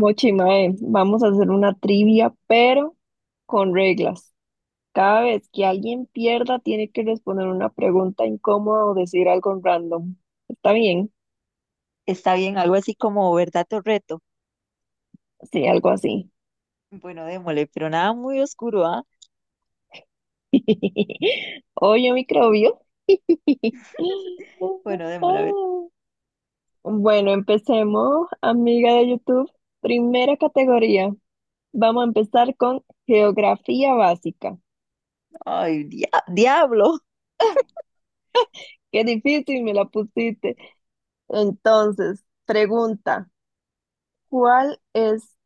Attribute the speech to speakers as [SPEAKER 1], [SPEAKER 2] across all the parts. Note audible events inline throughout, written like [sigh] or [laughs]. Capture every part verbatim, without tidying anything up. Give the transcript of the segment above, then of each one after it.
[SPEAKER 1] Mochi, mae, vamos a hacer una trivia, pero con reglas. Cada vez que alguien pierda, tiene que responder una pregunta incómoda o decir algo random. ¿Está bien?
[SPEAKER 2] Está bien, algo así como verdad o reto.
[SPEAKER 1] Sí, algo así.
[SPEAKER 2] Bueno, démosle, pero nada muy oscuro, ¿ah?
[SPEAKER 1] [laughs] Oye, microbio. [laughs]
[SPEAKER 2] Bueno, démosle, a ver.
[SPEAKER 1] Bueno, empecemos, amiga de YouTube. Primera categoría. Vamos a empezar con geografía básica.
[SPEAKER 2] Ay, dia- diablo.
[SPEAKER 1] Qué difícil me la pusiste. Entonces, pregunta. ¿Cuál es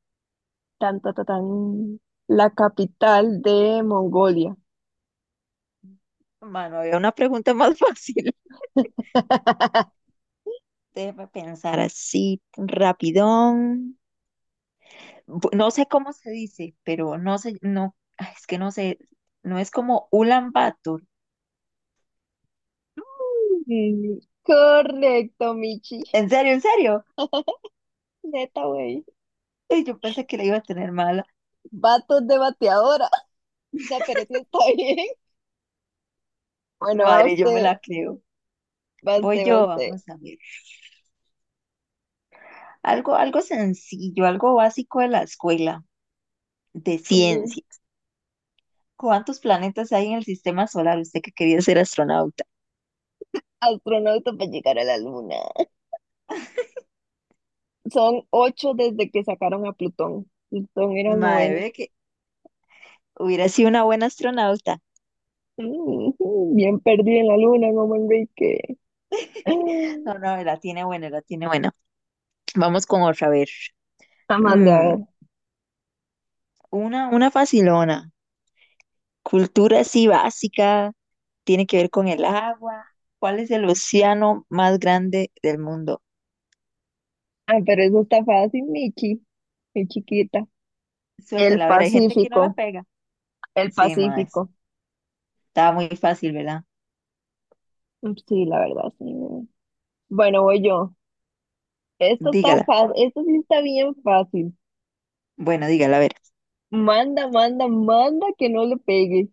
[SPEAKER 1] tan, ta, ta, tan, la capital de Mongolia?
[SPEAKER 2] Mano, había una pregunta más fácil. [laughs]
[SPEAKER 1] [laughs]
[SPEAKER 2] Déjame pensar así, rapidón. Bu- No sé cómo se dice, pero no sé, no, ay, es que no sé, no es como Ulan Bator.
[SPEAKER 1] Mm, Correcto, Michi.
[SPEAKER 2] ¿En serio, en serio?
[SPEAKER 1] Neta, güey.
[SPEAKER 2] Ay, yo pensé que la iba a tener mala.
[SPEAKER 1] Vatos de bateadora. No, pero sí está [laughs] bien. Bueno, va
[SPEAKER 2] Madre, yo me
[SPEAKER 1] usted,
[SPEAKER 2] la creo.
[SPEAKER 1] va
[SPEAKER 2] Voy
[SPEAKER 1] usted, va
[SPEAKER 2] yo,
[SPEAKER 1] usted.
[SPEAKER 2] vamos a ver. Algo, algo sencillo, algo básico de la escuela, de
[SPEAKER 1] Mm.
[SPEAKER 2] ciencia. ¿Cuántos planetas hay en el sistema solar? Usted que quería ser astronauta.
[SPEAKER 1] Astronauta para llegar a la luna. Son ocho desde que sacaron a Plutón. Plutón era el
[SPEAKER 2] Madre,
[SPEAKER 1] noveno.
[SPEAKER 2] ve que hubiera sido una buena astronauta.
[SPEAKER 1] Mm. Bien perdido en la luna, como Enrique. Ah,
[SPEAKER 2] [laughs] No, no, la tiene buena, la tiene buena. Vamos con otra, a ver.
[SPEAKER 1] Amanda, a
[SPEAKER 2] Mm,
[SPEAKER 1] ver.
[SPEAKER 2] una, una facilona. Cultura así básica, tiene que ver con el agua. ¿Cuál es el océano más grande del mundo?
[SPEAKER 1] Ah, pero eso está fácil, Michi. Qué chiquita. El
[SPEAKER 2] Suéltela, a ver, hay gente que no la
[SPEAKER 1] Pacífico,
[SPEAKER 2] pega.
[SPEAKER 1] el
[SPEAKER 2] Sí, mae.
[SPEAKER 1] Pacífico.
[SPEAKER 2] Estaba muy fácil, ¿verdad?
[SPEAKER 1] Mm, sí, la verdad, sí. Bueno, voy yo. Esto está
[SPEAKER 2] Dígala.
[SPEAKER 1] fácil, esto sí está bien fácil.
[SPEAKER 2] Bueno, dígala, a ver.
[SPEAKER 1] Manda, manda, manda que no le pegue.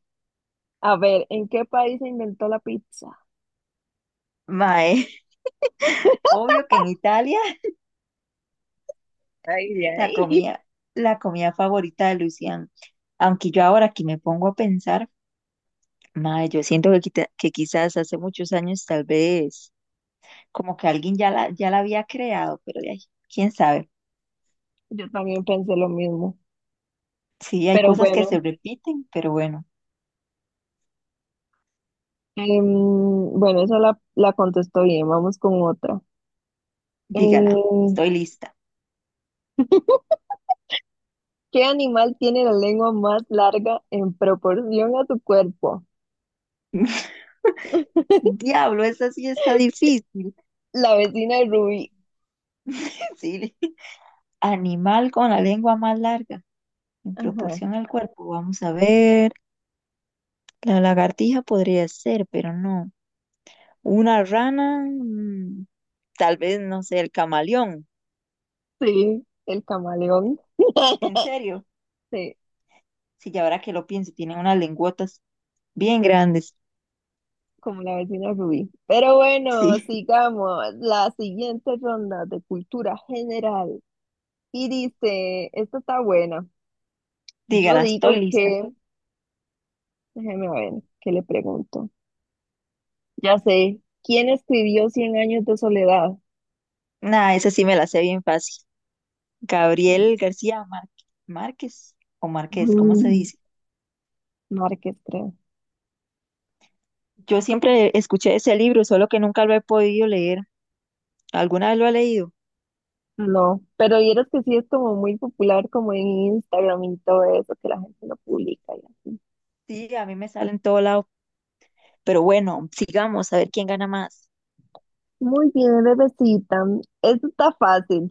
[SPEAKER 1] A ver, ¿en qué país se inventó la pizza?
[SPEAKER 2] Mae, [laughs] obvio que en Italia.
[SPEAKER 1] Ay,
[SPEAKER 2] La
[SPEAKER 1] ay. [laughs]
[SPEAKER 2] comida, la comida favorita de Lucián. Aunque yo ahora que me pongo a pensar, mae, yo siento que, quita- que quizás hace muchos años tal vez como que alguien ya la, ya la había creado, pero de ahí, quién sabe.
[SPEAKER 1] Yo también pensé lo mismo.
[SPEAKER 2] Sí, hay
[SPEAKER 1] Pero
[SPEAKER 2] cosas que se
[SPEAKER 1] bueno,
[SPEAKER 2] repiten, pero bueno,
[SPEAKER 1] em, bueno, esa la, la contestó bien. Vamos con otra.
[SPEAKER 2] dígala,
[SPEAKER 1] Eh,
[SPEAKER 2] estoy lista.
[SPEAKER 1] ¿qué animal tiene la lengua más larga en proporción a su cuerpo?
[SPEAKER 2] [laughs]
[SPEAKER 1] [laughs]
[SPEAKER 2] Diablo, esa sí está difícil. [laughs]
[SPEAKER 1] La vecina de Rubí.
[SPEAKER 2] Sí. Animal con la lengua más larga, en
[SPEAKER 1] Ajá,
[SPEAKER 2] proporción al cuerpo. Vamos a ver. La lagartija podría ser, pero no. Una rana. mm, Tal vez, no sé, el camaleón.
[SPEAKER 1] sí, el camaleón.
[SPEAKER 2] En
[SPEAKER 1] [laughs]
[SPEAKER 2] serio,
[SPEAKER 1] Sí,
[SPEAKER 2] si ya ahora que lo pienso, tienen unas lenguotas bien grandes.
[SPEAKER 1] como la vecina Rubí. Pero bueno,
[SPEAKER 2] Sí,
[SPEAKER 1] sigamos. La siguiente ronda de cultura general. Y dice, esta está buena.
[SPEAKER 2] [laughs]
[SPEAKER 1] Yo
[SPEAKER 2] dígala, estoy
[SPEAKER 1] digo
[SPEAKER 2] lista.
[SPEAKER 1] que, déjeme ver, ¿qué le pregunto? Ya sé, ¿quién escribió Cien años de soledad?
[SPEAKER 2] Nah, esa sí me la sé bien fácil. Gabriel García Márquez, Márquez o Márquez, ¿cómo se
[SPEAKER 1] Mm,
[SPEAKER 2] dice?
[SPEAKER 1] Márquez, creo.
[SPEAKER 2] Yo siempre escuché ese libro, solo que nunca lo he podido leer. ¿Alguna vez lo ha leído?
[SPEAKER 1] No, pero vieras que sí es como muy popular como en Instagram y todo eso, que la gente lo publica.
[SPEAKER 2] Sí, a mí me sale en todo lado. Pero bueno, sigamos a ver quién gana más.
[SPEAKER 1] Muy bien, bebecita. Esto está fácil.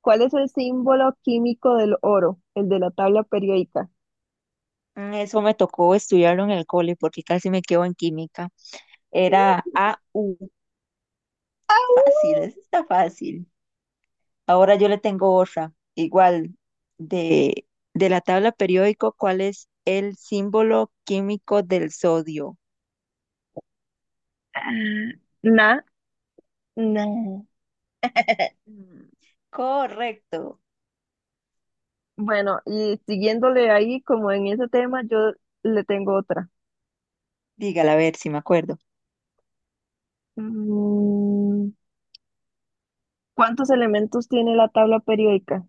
[SPEAKER 1] ¿Cuál es el símbolo químico del oro? El de la tabla periódica.
[SPEAKER 2] Mm, Eso me tocó estudiarlo en el cole porque casi me quedo en química. Era A U.
[SPEAKER 1] ¡Au!
[SPEAKER 2] Fácil, eso está fácil. Ahora yo le tengo otra. Igual, de, de la tabla periódico, ¿cuál es el símbolo químico del sodio?
[SPEAKER 1] Ah, Na, na. [laughs]
[SPEAKER 2] Mm, correcto.
[SPEAKER 1] Bueno, y siguiéndole ahí, como en ese tema, yo le tengo otra.
[SPEAKER 2] Dígala, a ver si me acuerdo.
[SPEAKER 1] Mm, ¿cuántos elementos tiene la tabla periódica?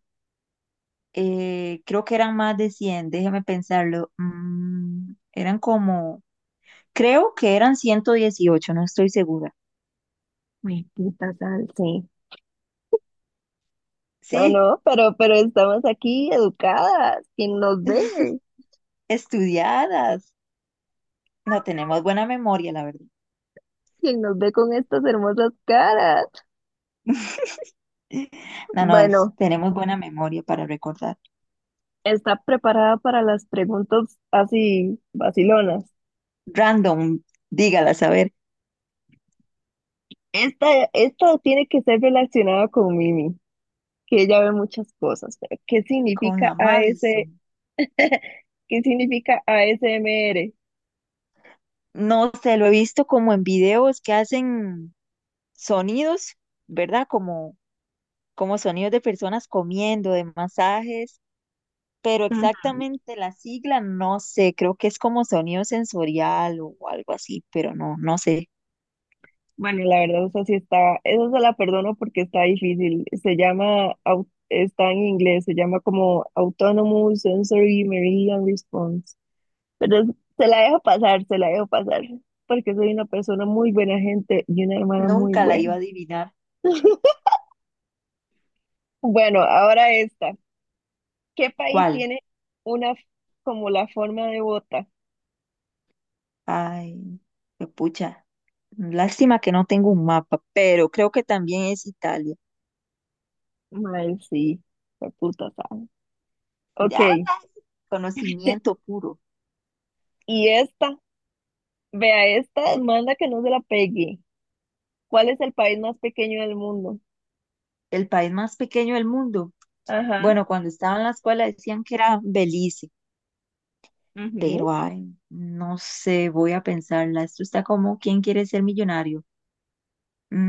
[SPEAKER 2] Eh, creo que eran más de cien, déjeme pensarlo. Mm, eran como, creo que eran ciento dieciocho, no estoy segura.
[SPEAKER 1] Uy, puta sal. Sí. No,
[SPEAKER 2] Sí,
[SPEAKER 1] no, pero, pero estamos aquí educadas. ¿Quién nos ve?
[SPEAKER 2] [laughs] estudiadas. No tenemos buena memoria, la verdad.
[SPEAKER 1] ¿Quién nos ve con estas hermosas caras?
[SPEAKER 2] [laughs] No, no, es,
[SPEAKER 1] Bueno,
[SPEAKER 2] tenemos buena memoria para recordar.
[SPEAKER 1] está preparada para las preguntas así vacilonas.
[SPEAKER 2] Random, dígala, a ver.
[SPEAKER 1] Esta, esta tiene que ser relacionada con Mimi, que ella ve muchas cosas. Pero, ¿Qué
[SPEAKER 2] Con
[SPEAKER 1] significa
[SPEAKER 2] la
[SPEAKER 1] a AS,
[SPEAKER 2] Madison.
[SPEAKER 1] qué significa a ASMR?
[SPEAKER 2] No sé, lo he visto como en videos que hacen sonidos, ¿verdad? Como, como sonidos de personas comiendo, de masajes, pero
[SPEAKER 1] Mm,
[SPEAKER 2] exactamente la sigla no sé, creo que es como sonido sensorial o algo así, pero no, no sé.
[SPEAKER 1] bueno, la verdad, esa sí está, esa se la perdono porque está difícil. Se llama, au- está en inglés, se llama como Autonomous Sensory Meridian Response. Pero es- se la dejo pasar, se la dejo pasar, porque soy una persona muy buena gente y una hermana muy
[SPEAKER 2] Nunca la
[SPEAKER 1] buena.
[SPEAKER 2] iba a adivinar
[SPEAKER 1] [laughs] Bueno, ahora esta. ¿Qué país
[SPEAKER 2] cuál.
[SPEAKER 1] tiene una f- como la forma de bota?
[SPEAKER 2] Ay, qué pucha. Lástima que no tengo un mapa, pero creo que también es Italia.
[SPEAKER 1] Ay, sí, la puta sabe. Ok,
[SPEAKER 2] Ya, conocimiento puro.
[SPEAKER 1] y esta, vea esta, manda que no se la pegue. ¿Cuál es el país más pequeño del mundo?
[SPEAKER 2] El país más pequeño del mundo.
[SPEAKER 1] Ajá,
[SPEAKER 2] Bueno, cuando estaba en la escuela decían que era Belice,
[SPEAKER 1] ujú,
[SPEAKER 2] pero ay, no sé, voy a pensarla. Esto está como ¿Quién quiere ser millonario?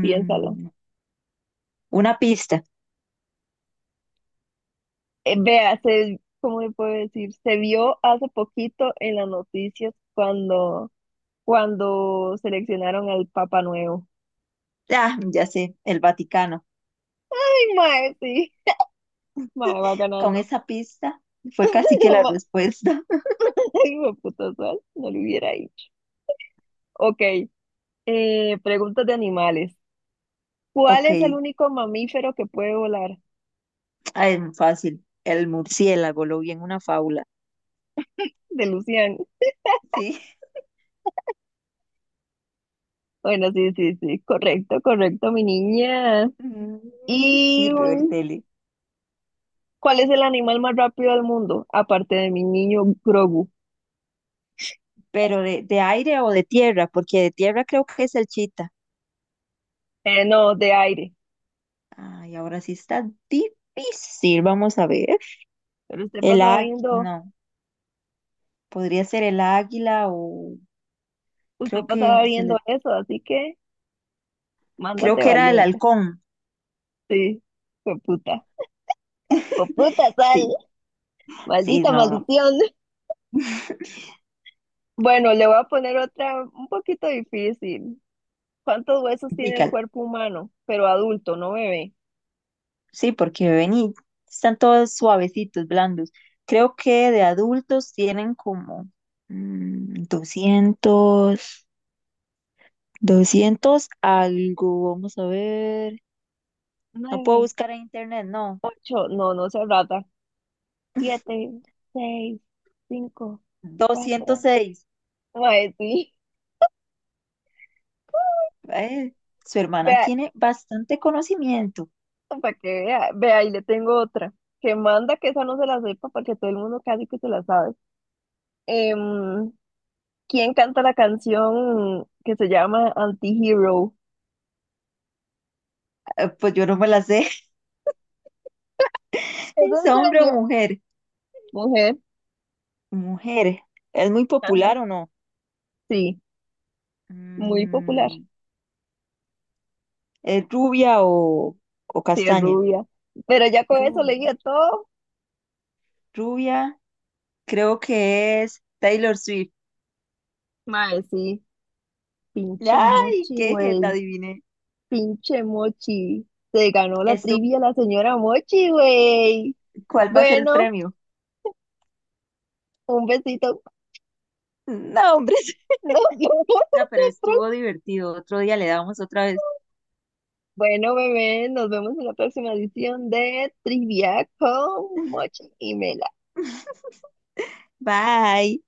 [SPEAKER 1] piénsalo.
[SPEAKER 2] una pista.
[SPEAKER 1] Eh, vea, se, ¿cómo le puedo decir? Se vio hace poquito en las noticias cuando, cuando seleccionaron al Papa Nuevo.
[SPEAKER 2] Ah, ya sé, el Vaticano.
[SPEAKER 1] Ay, mae, sí, mae, va
[SPEAKER 2] Con
[SPEAKER 1] ganando.
[SPEAKER 2] esa pista fue casi que la
[SPEAKER 1] [laughs]
[SPEAKER 2] respuesta. [laughs]
[SPEAKER 1] [laughs] Hijo de puta sol, no lo hubiera dicho. Ok, eh, preguntas de animales. ¿Cuál
[SPEAKER 2] Ok,
[SPEAKER 1] es el único mamífero que puede volar?
[SPEAKER 2] ay, no, fácil. El murciélago, lo vi en una fábula.
[SPEAKER 1] De Lucian.
[SPEAKER 2] Sí. [laughs]
[SPEAKER 1] Bueno, sí, sí, sí, correcto, correcto, mi niña.
[SPEAKER 2] Mm,
[SPEAKER 1] ¿Y
[SPEAKER 2] sirve ver
[SPEAKER 1] um,
[SPEAKER 2] tele.
[SPEAKER 1] cuál es el animal más rápido del mundo? Aparte de mi niño Grogu.
[SPEAKER 2] Pero de, de aire o de tierra, porque de tierra creo que es el chita.
[SPEAKER 1] Eh, no, de aire.
[SPEAKER 2] Ay, ahora sí está difícil. Vamos a ver.
[SPEAKER 1] Pero usted
[SPEAKER 2] El
[SPEAKER 1] pasaba
[SPEAKER 2] águila,
[SPEAKER 1] viendo,
[SPEAKER 2] no, podría ser el águila o
[SPEAKER 1] usted
[SPEAKER 2] creo que
[SPEAKER 1] pasaba
[SPEAKER 2] se
[SPEAKER 1] viendo
[SPEAKER 2] le,
[SPEAKER 1] eso, así que
[SPEAKER 2] creo
[SPEAKER 1] mándate
[SPEAKER 2] que era el
[SPEAKER 1] valiente.
[SPEAKER 2] halcón.
[SPEAKER 1] Sí, hijo puta. Hijo puta sal,
[SPEAKER 2] Sí, sí,
[SPEAKER 1] maldita
[SPEAKER 2] no, no.
[SPEAKER 1] maldición. Bueno, le voy a poner otra un poquito difícil. ¿Cuántos huesos tiene el
[SPEAKER 2] Dígalo.
[SPEAKER 1] cuerpo humano? Pero adulto, no bebé.
[SPEAKER 2] Sí, porque vení, están todos suavecitos, blandos. Creo que de adultos tienen como mm, doscientos 200 algo. Vamos a ver. No puedo
[SPEAKER 1] Nueve,
[SPEAKER 2] buscar en internet, no.
[SPEAKER 1] ocho, no, no se rata.
[SPEAKER 2] [laughs]
[SPEAKER 1] Siete, seis, cinco,
[SPEAKER 2] doscientos
[SPEAKER 1] cuatro.
[SPEAKER 2] seis
[SPEAKER 1] Ay, sí. [laughs]
[SPEAKER 2] Eh, su hermana
[SPEAKER 1] Vea,
[SPEAKER 2] tiene bastante conocimiento.
[SPEAKER 1] para que vea, vea, y le tengo otra. Que manda que esa no se la sepa porque todo el mundo casi que se la sabe. Em, ¿quién canta la canción que se llama Anti-Hero?
[SPEAKER 2] Eh, Pues yo no me la sé. [laughs]
[SPEAKER 1] ¿Es
[SPEAKER 2] ¿Es
[SPEAKER 1] en
[SPEAKER 2] hombre o
[SPEAKER 1] serio?
[SPEAKER 2] mujer?
[SPEAKER 1] Mujer.
[SPEAKER 2] Mujer. ¿Es muy
[SPEAKER 1] Ajá.
[SPEAKER 2] popular o no?
[SPEAKER 1] Sí, muy popular.
[SPEAKER 2] Mm, ¿es rubia o, o
[SPEAKER 1] Sí, es
[SPEAKER 2] castaña?
[SPEAKER 1] rubia. Pero ya con eso
[SPEAKER 2] Ru-
[SPEAKER 1] leía todo.
[SPEAKER 2] Rubia, creo que es Taylor Swift.
[SPEAKER 1] Mae, sí. Pinche
[SPEAKER 2] ¡Ay,
[SPEAKER 1] Mochi,
[SPEAKER 2] qué jeta,
[SPEAKER 1] güey.
[SPEAKER 2] adiviné!
[SPEAKER 1] Pinche Mochi. Se ganó la
[SPEAKER 2] Estu-
[SPEAKER 1] trivia la señora Mochi, güey.
[SPEAKER 2] ¿Cuál va a ser el
[SPEAKER 1] Bueno,
[SPEAKER 2] premio?
[SPEAKER 1] un besito.
[SPEAKER 2] No, hombre. [laughs]
[SPEAKER 1] [laughs] Nos vemos
[SPEAKER 2] No,
[SPEAKER 1] en
[SPEAKER 2] pero
[SPEAKER 1] la pro-
[SPEAKER 2] estuvo divertido. Otro día le damos otra vez.
[SPEAKER 1] Bueno, bebé, nos vemos en la próxima edición de Trivia con Mochi y Mela.
[SPEAKER 2] [laughs] Bye.